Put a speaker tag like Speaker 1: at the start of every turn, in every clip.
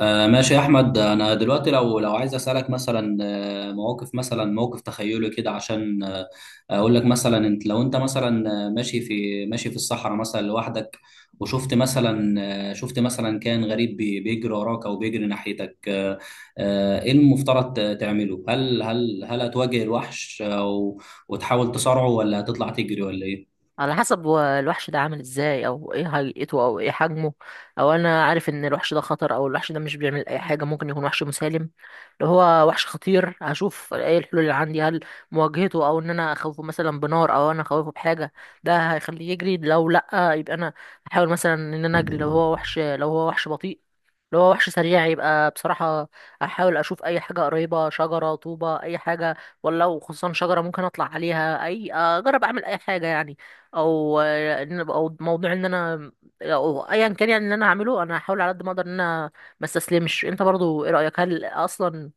Speaker 1: آه، ماشي يا احمد. انا دلوقتي لو عايز اسالك مثلا، مواقف، مثلا موقف تخيلي كده عشان اقول لك. مثلا انت، لو انت مثلا ماشي في الصحراء مثلا لوحدك، وشفت مثلا، شفت مثلا كائن غريب بيجري وراك او بيجري ناحيتك. ايه المفترض تعمله؟ هل هتواجه الوحش او وتحاول تصارعه، ولا هتطلع تجري، ولا ايه؟
Speaker 2: على حسب هو الوحش ده عامل ازاي، او ايه هيئته، او ايه حجمه. او انا عارف ان الوحش ده خطر، او الوحش ده مش بيعمل اي حاجه، ممكن يكون وحش مسالم. لو هو وحش خطير، هشوف ايه الحلول اللي عندي. هل مواجهته، او ان انا اخوفه مثلا بنار، او انا اخوفه بحاجه ده هيخليه يجري. لو لا، يبقى انا احاول مثلا ان انا اجري. لو هو وحش بطيء. لو هو وحش سريع، يبقى بصراحة أحاول أشوف أي حاجة قريبة، شجرة، طوبة، أي حاجة. ولا خصوصا شجرة ممكن أطلع عليها، أي أجرب أعمل أي حاجة يعني. أو أو موضوع عندنا. أو أي مكان، يعني اللي أنا أعمله أنا حاول على هذا المدى إنه مسلا. مش أنت برضو، ايه رأيك؟ هل أصلاً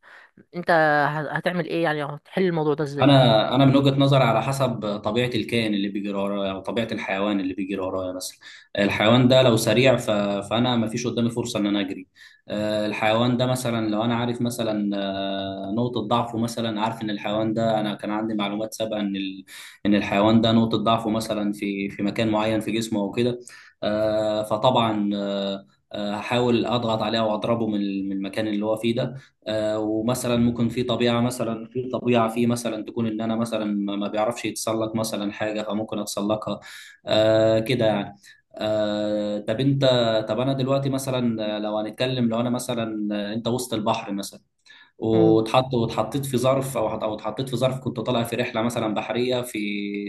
Speaker 2: أنت هتعمل إيه يعني، تحل موضوع ده إزاي؟
Speaker 1: انا من وجهة نظري، على حسب طبيعة الكائن اللي بيجري ورايا، او طبيعة الحيوان اللي بيجري ورايا مثلا. الحيوان ده لو سريع فانا ما فيش قدامي فرصة ان انا اجري. الحيوان ده مثلا، لو انا عارف مثلا نقطة ضعفه، مثلا عارف ان الحيوان ده، انا كان عندي معلومات سابقة ان الحيوان ده نقطة ضعفه مثلا في مكان معين في جسمه او كده. فطبعا آه، آه، هحاول اضغط عليه واضربه من المكان اللي هو فيه ده. ومثلا ممكن في طبيعه مثلا، في طبيعه في مثلا تكون ان انا مثلا ما بيعرفش يتسلق مثلا حاجه فممكن اتسلقها. كده يعني. آه، طب انت طب انا دلوقتي مثلا، لو هنتكلم، لو انا مثلا انت وسط البحر مثلا، واتحطيت في ظرف، كنت طالع في رحله مثلا بحريه، في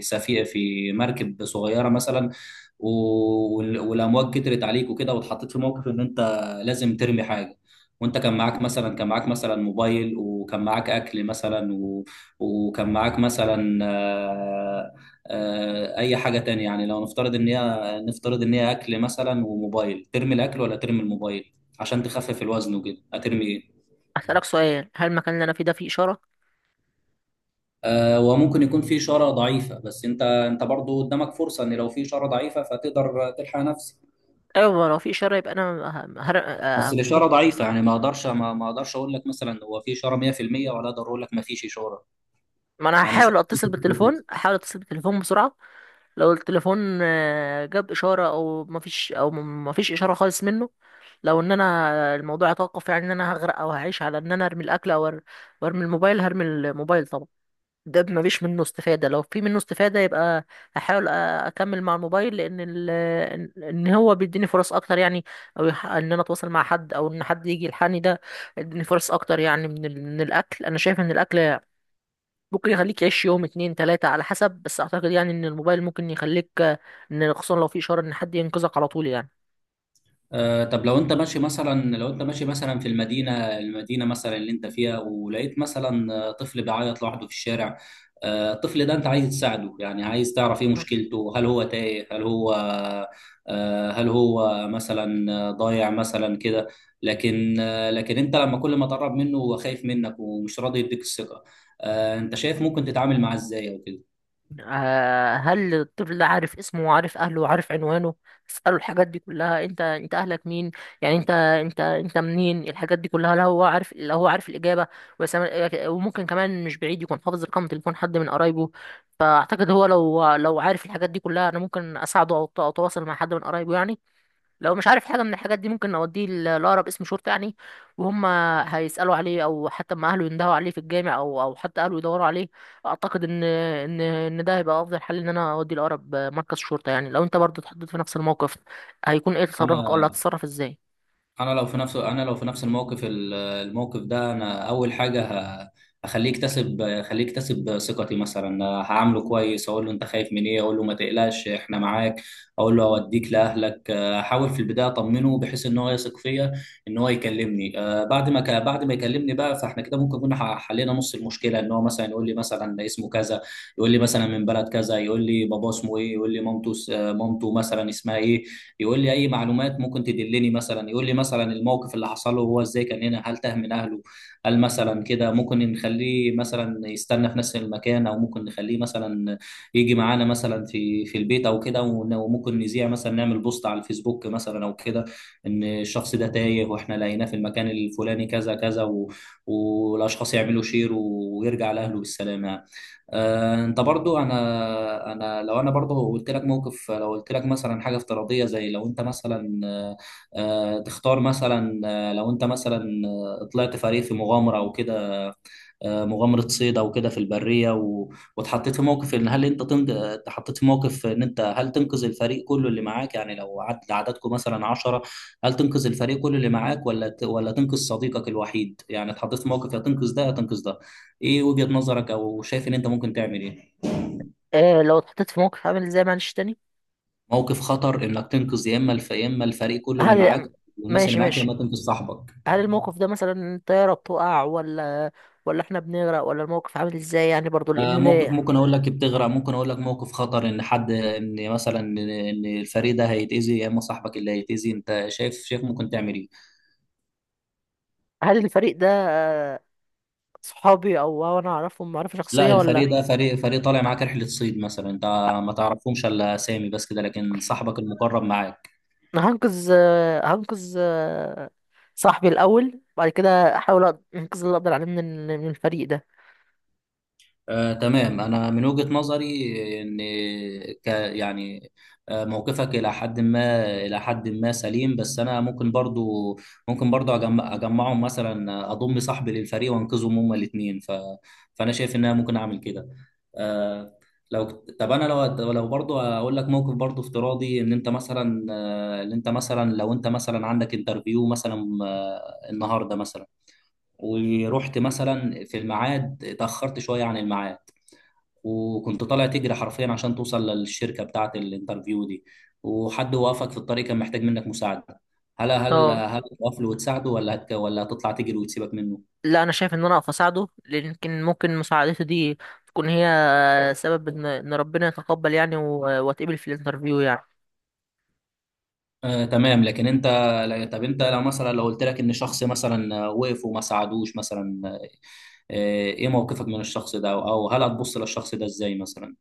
Speaker 1: سفينه، في مركب صغيره مثلا، والامواج كترت عليك وكده، واتحطيت في موقف ان انت لازم ترمي حاجه. وانت كان معاك مثلا موبايل، وكان معاك اكل مثلا وكان معاك مثلا اي حاجه تانية. يعني لو نفترض ان هي اكل مثلا وموبايل، ترمي الاكل ولا ترمي الموبايل عشان تخفف الوزن وكده؟ هترمي ايه؟
Speaker 2: أتلاقص إيه؟ هل مكان اللي أنا في ده في شراء؟
Speaker 1: وممكن يكون في اشاره ضعيفه، بس انت برضو قدامك فرصه ان لو في اشاره ضعيفه فتقدر تلحق نفسك.
Speaker 2: أيوة، وفي شراء، ب أنا ه-
Speaker 1: بس
Speaker 2: هر م
Speaker 1: الاشاره ضعيفه، يعني ما اقدرش اقول لك مثلا هو في اشاره 100%، ولا اقدر اقول لك ما فيش اشاره،
Speaker 2: أنا
Speaker 1: يعني اشاره.
Speaker 2: حاول أتصل بالtelephone بسرعة. لو التليفون جاب اشاره، او مفيش، او مفيش اشاره خالص منه. لو ان انا الموضوع يتوقف، يعني ان انا هغرق او هعيش على ان انا ارمي الاكل او وارمي الموبايل. هرمي الموبايل طبعا. ده مفيش منه استفاده. لو في منه استفاده، يبقى هحاول اكمل مع الموبايل، لان ال... ان إن هو بيديني فرص اكتر يعني، او ان انا اتواصل مع حد، او ان حد يجي يلحقني. ده اديني فرص اكتر يعني من الاكل. انا شايف ان الاكل ممكن يخليك يعيش يوم، اتنين، تلاتة، على حسب. بس اعتقد يعني ان الموبايل ممكن يخليك ان خصوصا لو في اشارة، ان حد ينقذك على طول يعني.
Speaker 1: طب لو انت ماشي مثلا، في المدينه، مثلا اللي انت فيها، ولقيت مثلا طفل بيعيط لوحده في الشارع. الطفل ده انت عايز تساعده، يعني عايز تعرف ايه مشكلته. هل هو تايه، هل هو آه، هل هو مثلا آه، ضايع مثلا كده؟ لكن انت، لما كل ما تقرب منه هو خايف منك ومش راضي يديك الثقه، انت شايف ممكن تتعامل معاه ازاي او كده؟
Speaker 2: هل الطفل ده عارف اسمه، وعارف اهله، وعارف عنوانه. تسأله الحاجات دي كلها. انت اهلك مين؟ يعني انت منين؟ الحاجات دي كلها. لا هو عارف، لا هو عارف الاجابة. وسام- وممكن كمان مش بعيد يكون حافظ رقم تليفون حد من قرايبه. فاعتقد هو لو عارف الحاجات دي كلها، انا ممكن اساعده، او اتواصل مع حد من قرايبه يعني. لو مش عارف حاجة من الحاجات دي، ممكن نوديه لأقرب اسم شرطة يعني. وهم هيسألوا عليه، أو حتى ما أهله يندهوا عليه في الجامع، أو حتى أهله يدوروا عليه. أعتقد إن ده هيبقى أفضل حل، إن أنا أوديه لأقرب مركز شرطة يعني. لو أنت برضه اتحطيت في نفس الموقف، هيكون إيه تصرفك، ولا
Speaker 1: انا
Speaker 2: هتتصرف إزاي؟
Speaker 1: انا لو في نفس انا لو في نفس الموقف، الموقف ده، انا اول حاجه ه- هخليه يكتسب ثقتي. مثلا هعامله كويس، اقول له انت خايف من ايه، اقول له ما تقلقش، احنا معاك، اقول له اوديك لاهلك. احاول في البدايه اطمنه، بحيث ان هو يثق فيا، ان هو يكلمني. بعد ما يكلمني بقى، فاحنا كده ممكن كنا حلينا نص المشكله. ان هو مثلا يقول لي مثلا اسمه كذا، يقول لي مثلا من بلد كذا، يقول لي باباه اسمه ايه، يقول لي مامته س- آه، مامته مثلا اسمها ايه، يقول لي اي معلومات ممكن تدلني، مثلا يقول لي مثلا الموقف اللي حصل له هو ازاي، كان هنا، هل تاه من اهله، هل مثلا كده ممكن نخليه مثلا يستنى في نفس المكان، او ممكن نخليه مثلا يجي معانا مثلا في البيت او كده. وممكن نذيع مثلا، نعمل بوست على الفيسبوك مثلا او كده، ان الشخص ده تايه واحنا لقيناه في المكان الفلاني كذا كذا والاشخاص يعملوا شير، ويرجع لاهله بالسلامه. انت برضو، انا لو انا برضو قلت لك موقف لو قلت لك مثلا حاجه افتراضيه: زي لو انت مثلا تختار مثلا، لو انت مثلا طلعت فريق في مغامره او كده، مغامره صيد او كده في البريه، واتحطيت في موقف ان هل انت تنج... اتحطيت في موقف ان انت هل تنقذ الفريق كله اللي معاك، يعني لو عددكم مثلا 10، هل تنقذ الفريق كله اللي معاك، ولا تنقذ صديقك الوحيد؟ يعني اتحطيت في موقف يا تنقذ ده، يا تنقذ ده. ايه وجهه نظرك، او شايف ان انت ممكن تعمل ايه؟
Speaker 2: آه، لو اتحطيت في موقف عامل إزاي، معلش تاني؟
Speaker 1: موقف خطر، انك تنقذ يا اما يا اما الفريق كله اللي معاك
Speaker 2: هل
Speaker 1: والناس اللي
Speaker 2: ماشي
Speaker 1: معاك، يا
Speaker 2: ماشي.
Speaker 1: اما تنقذ صاحبك.
Speaker 2: هل الموقف ده مثلا الطيارة بتقع، ولا إحنا بنغرق، ولا الموقف عامل إزاي يعني برضه؟
Speaker 1: آه، موقف
Speaker 2: لأن
Speaker 1: ممكن اقول لك بتغرق، ممكن اقول لك موقف خطر، ان حد، ان مثلا ان الفريق ده هيتاذي، يا اما صاحبك اللي هيتاذي. انت شايف ممكن تعمل ايه؟
Speaker 2: هل الفريق ده صحابي، او انا اعرفهم معرفة شخصية،
Speaker 1: لا،
Speaker 2: ولا؟
Speaker 1: الفريق ده فريق طالع معاك رحله صيد مثلا، انت ما تعرفهمش الا اسامي بس كده، لكن صاحبك المقرب معاك.
Speaker 2: انا هنقذ صاحبي الاول. بعد كده احاول انقذ اللي اقدر عليه من من الفريق ده.
Speaker 1: آه، تمام. أنا من وجهة نظري إن ك يعني، موقفك إلى حد ما إلى حد ما سليم، بس أنا ممكن برضو أجمعهم مثلا، أضم صاحبي للفريق وأنقذهم هما الاتنين. فأنا شايف إن أنا ممكن أعمل كده. آه، لو طب أنا لو برضو أقول لك موقف برضو افتراضي: إن أنت مثلا آه، إن أنت مثلا لو أنت مثلا عندك انترفيو مثلا النهاردة مثلا، ورحت مثلا في الميعاد، اتأخرت شوية عن الميعاد، وكنت طالع تجري حرفيا عشان توصل للشركة بتاعة الانترفيو دي، وحد وقفك في الطريق كان محتاج منك مساعدة. هل
Speaker 2: اه،
Speaker 1: هتقف له وتساعده، ولا هتطلع تجري وتسيبك منه؟
Speaker 2: لا انا شايف ان انا اقف اساعده، لان يمكن ممكن مساعدته دي تكون هي سبب ان ربنا يتقبل يعني، واتقبل في الانترفيو يعني.
Speaker 1: آه تمام، لكن انت طب انت، لو مثلا لو قلت لك ان شخص مثلا وقف وما ساعدوش مثلا، ايه موقفك من الشخص ده، او هل هتبص للشخص ده ازاي مثلا؟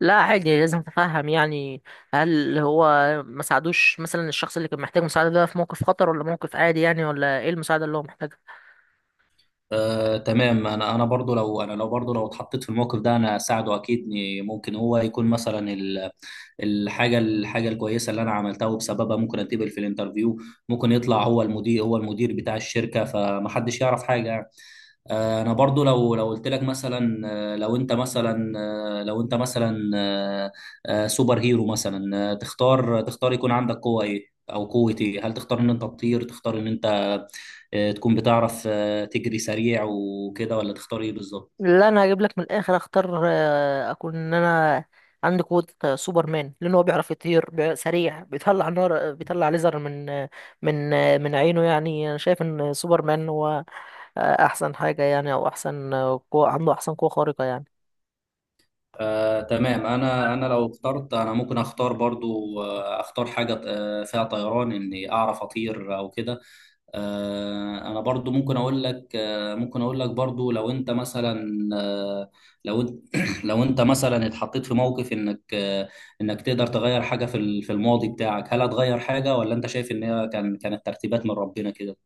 Speaker 2: لا عادي، لازم اتفهم يعني. هل هو ما ساعدوش مثلا الشخص اللي كان محتاج مساعدة ده في موقف خطر، ولا موقف عادي يعني، ولا ايه المساعدة اللي هو محتاجها؟
Speaker 1: تمام. انا لو اتحطيت في الموقف ده انا اساعده اكيد، إني ممكن هو يكون مثلا الحاجه الكويسه اللي انا عملتها، وبسببها ممكن اتقبل في الانترفيو. ممكن يطلع هو المدير، بتاع الشركه، فمحدش يعرف حاجه يعني. انا برضو لو قلت لك مثلا، لو انت مثلا آه، لو انت مثلا آه، سوبر هيرو مثلا، تختار يكون عندك قوة ايه، او قوة ايه؟ هل تختار ان انت تطير، تختار ان انت تكون بتعرف تجري سريع وكده، ولا تختار ايه بالظبط؟
Speaker 2: لا انا هجيب لك من الاخر. اختار اكون ان انا عندي قوه سوبرمان، لان هو بيعرف يطير سريع، بيطلع نار، بيطلع ليزر من عينه يعني. انا شايف ان سوبرمان هو احسن حاجه يعني، او احسن قوه عنده، احسن قوه خارقه يعني.
Speaker 1: تمام. انا لو اخترت، انا ممكن اختار برضو اختار حاجه فيها طيران، اني اعرف اطير او كده. انا برضو ممكن اقول لك، برضو لو انت مثلا، لو انت لو انت مثلا اتحطيت في موقف انك انك تقدر تغير حاجه في في الماضي بتاعك. هل هتغير حاجه، ولا انت شايف ان هي كانت ترتيبات من ربنا كده؟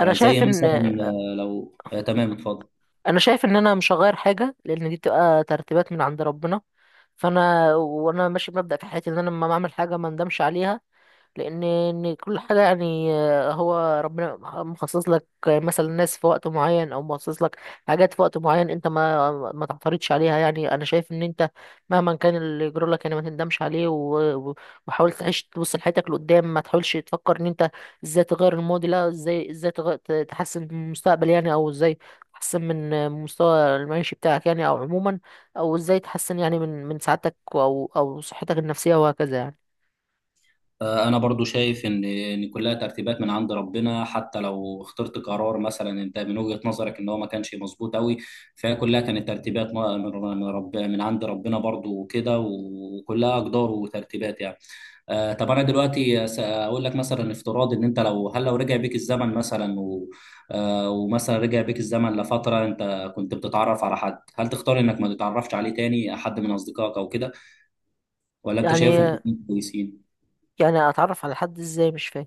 Speaker 2: انا
Speaker 1: آه، زي
Speaker 2: شايف ان
Speaker 1: مثلا آه، لو آه، تمام، اتفضل.
Speaker 2: انا شايف ان انا مش هغير حاجه، لان دي بتبقى ترتيبات من عند ربنا. فانا وانا ماشي بمبدأ في حياتي، ان انا لما اعمل حاجه ما ندمش عليها. لان إن كل حاجه يعني هو ربنا مخصص لك مثلا ناس في وقت معين، او مخصص لك حاجات في وقت معين. انت ما تعترضش عليها يعني. انا شايف ان انت مهما كان اللي يجرى لك يعني، ما تندمش عليه. وحاول تعيش، تبص لحياتك لقدام، ما تحاولش تفكر ان انت ازاي تغير الماضي. لا، ازاي تحسن من المستقبل يعني، او ازاي تحسن من مستوى المعيشي بتاعك يعني، او عموما، او ازاي تحسن يعني من سعادتك، او صحتك النفسيه، وهكذا يعني.
Speaker 1: انا برضو شايف ان كلها ترتيبات من عند ربنا، حتى لو اخترت قرار مثلا انت من وجهة نظرك ان هو ما كانش مظبوط قوي، فهي كلها كانت ترتيبات من عند ربنا برضو وكده، وكلها اقدار وترتيبات يعني. طب انا دلوقتي اقول لك مثلا، افتراض ان انت، لو رجع بيك الزمن مثلا، ومثلا رجع بيك الزمن لفترة انت كنت بتتعرف على حد، هل تختار انك ما تتعرفش عليه تاني؟ حد من اصدقائك او كده، ولا انت شايفهم
Speaker 2: يعني
Speaker 1: كلهم كويسين؟
Speaker 2: يعني اتعرف على حد ازاي، مش فاهم.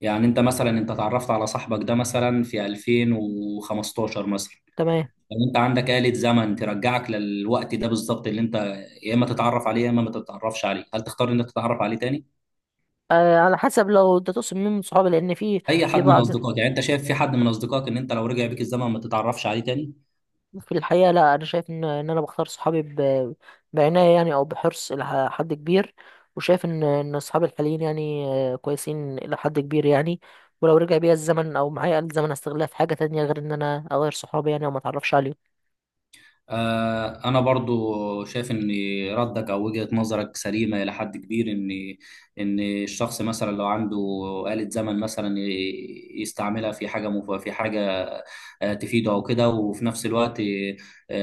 Speaker 1: يعني انت مثلا، انت اتعرفت على صاحبك ده مثلا في 2015 مثلا،
Speaker 2: تمام.
Speaker 1: يعني انت عندك آلة زمن ترجعك للوقت ده بالظبط، اللي انت يا اما تتعرف عليه يا اما ما تتعرفش عليه، هل تختار ان انت تتعرف عليه تاني؟
Speaker 2: آه، على حسب لو ده تقصد مين من صحابي، لان في،
Speaker 1: اي حد
Speaker 2: في
Speaker 1: من
Speaker 2: بعض.
Speaker 1: اصدقائك. يعني انت شايف في حد من اصدقائك ان انت لو رجع بيك الزمن ما تتعرفش عليه تاني؟
Speaker 2: في الحقيقه، لا انا شايف ان انا بختار صحابي بعنايه يعني، او بحرص الى حد كبير. وشايف ان صحابي الحاليين يعني كويسين الى حد كبير يعني. ولو رجع بيا الزمن، او معايا آلة زمن، هستغلها في حاجه تانية غير ان انا اغير صحابي يعني، او ما اتعرفش عليهم.
Speaker 1: أنا برضو شايف إن ردك أو وجهة نظرك سليمة إلى حد كبير. إن الشخص مثلا لو عنده آلة زمن مثلا يستعملها في حاجة تفيده أو كده. وفي نفس الوقت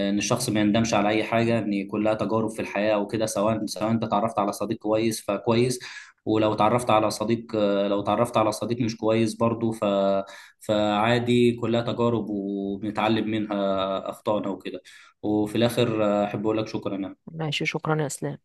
Speaker 1: إن الشخص ما يندمش على أي حاجة، إن كلها تجارب في الحياة وكده. سواء أنت اتعرفت على صديق كويس فكويس، ولو اتعرفت على صديق، مش كويس برضو، فعادي، كلها تجارب، وبنتعلم منها أخطائنا وكده. وفي الاخر احب اقول لك شكرا يعني.
Speaker 2: ماشي، شكرا يا اسلام.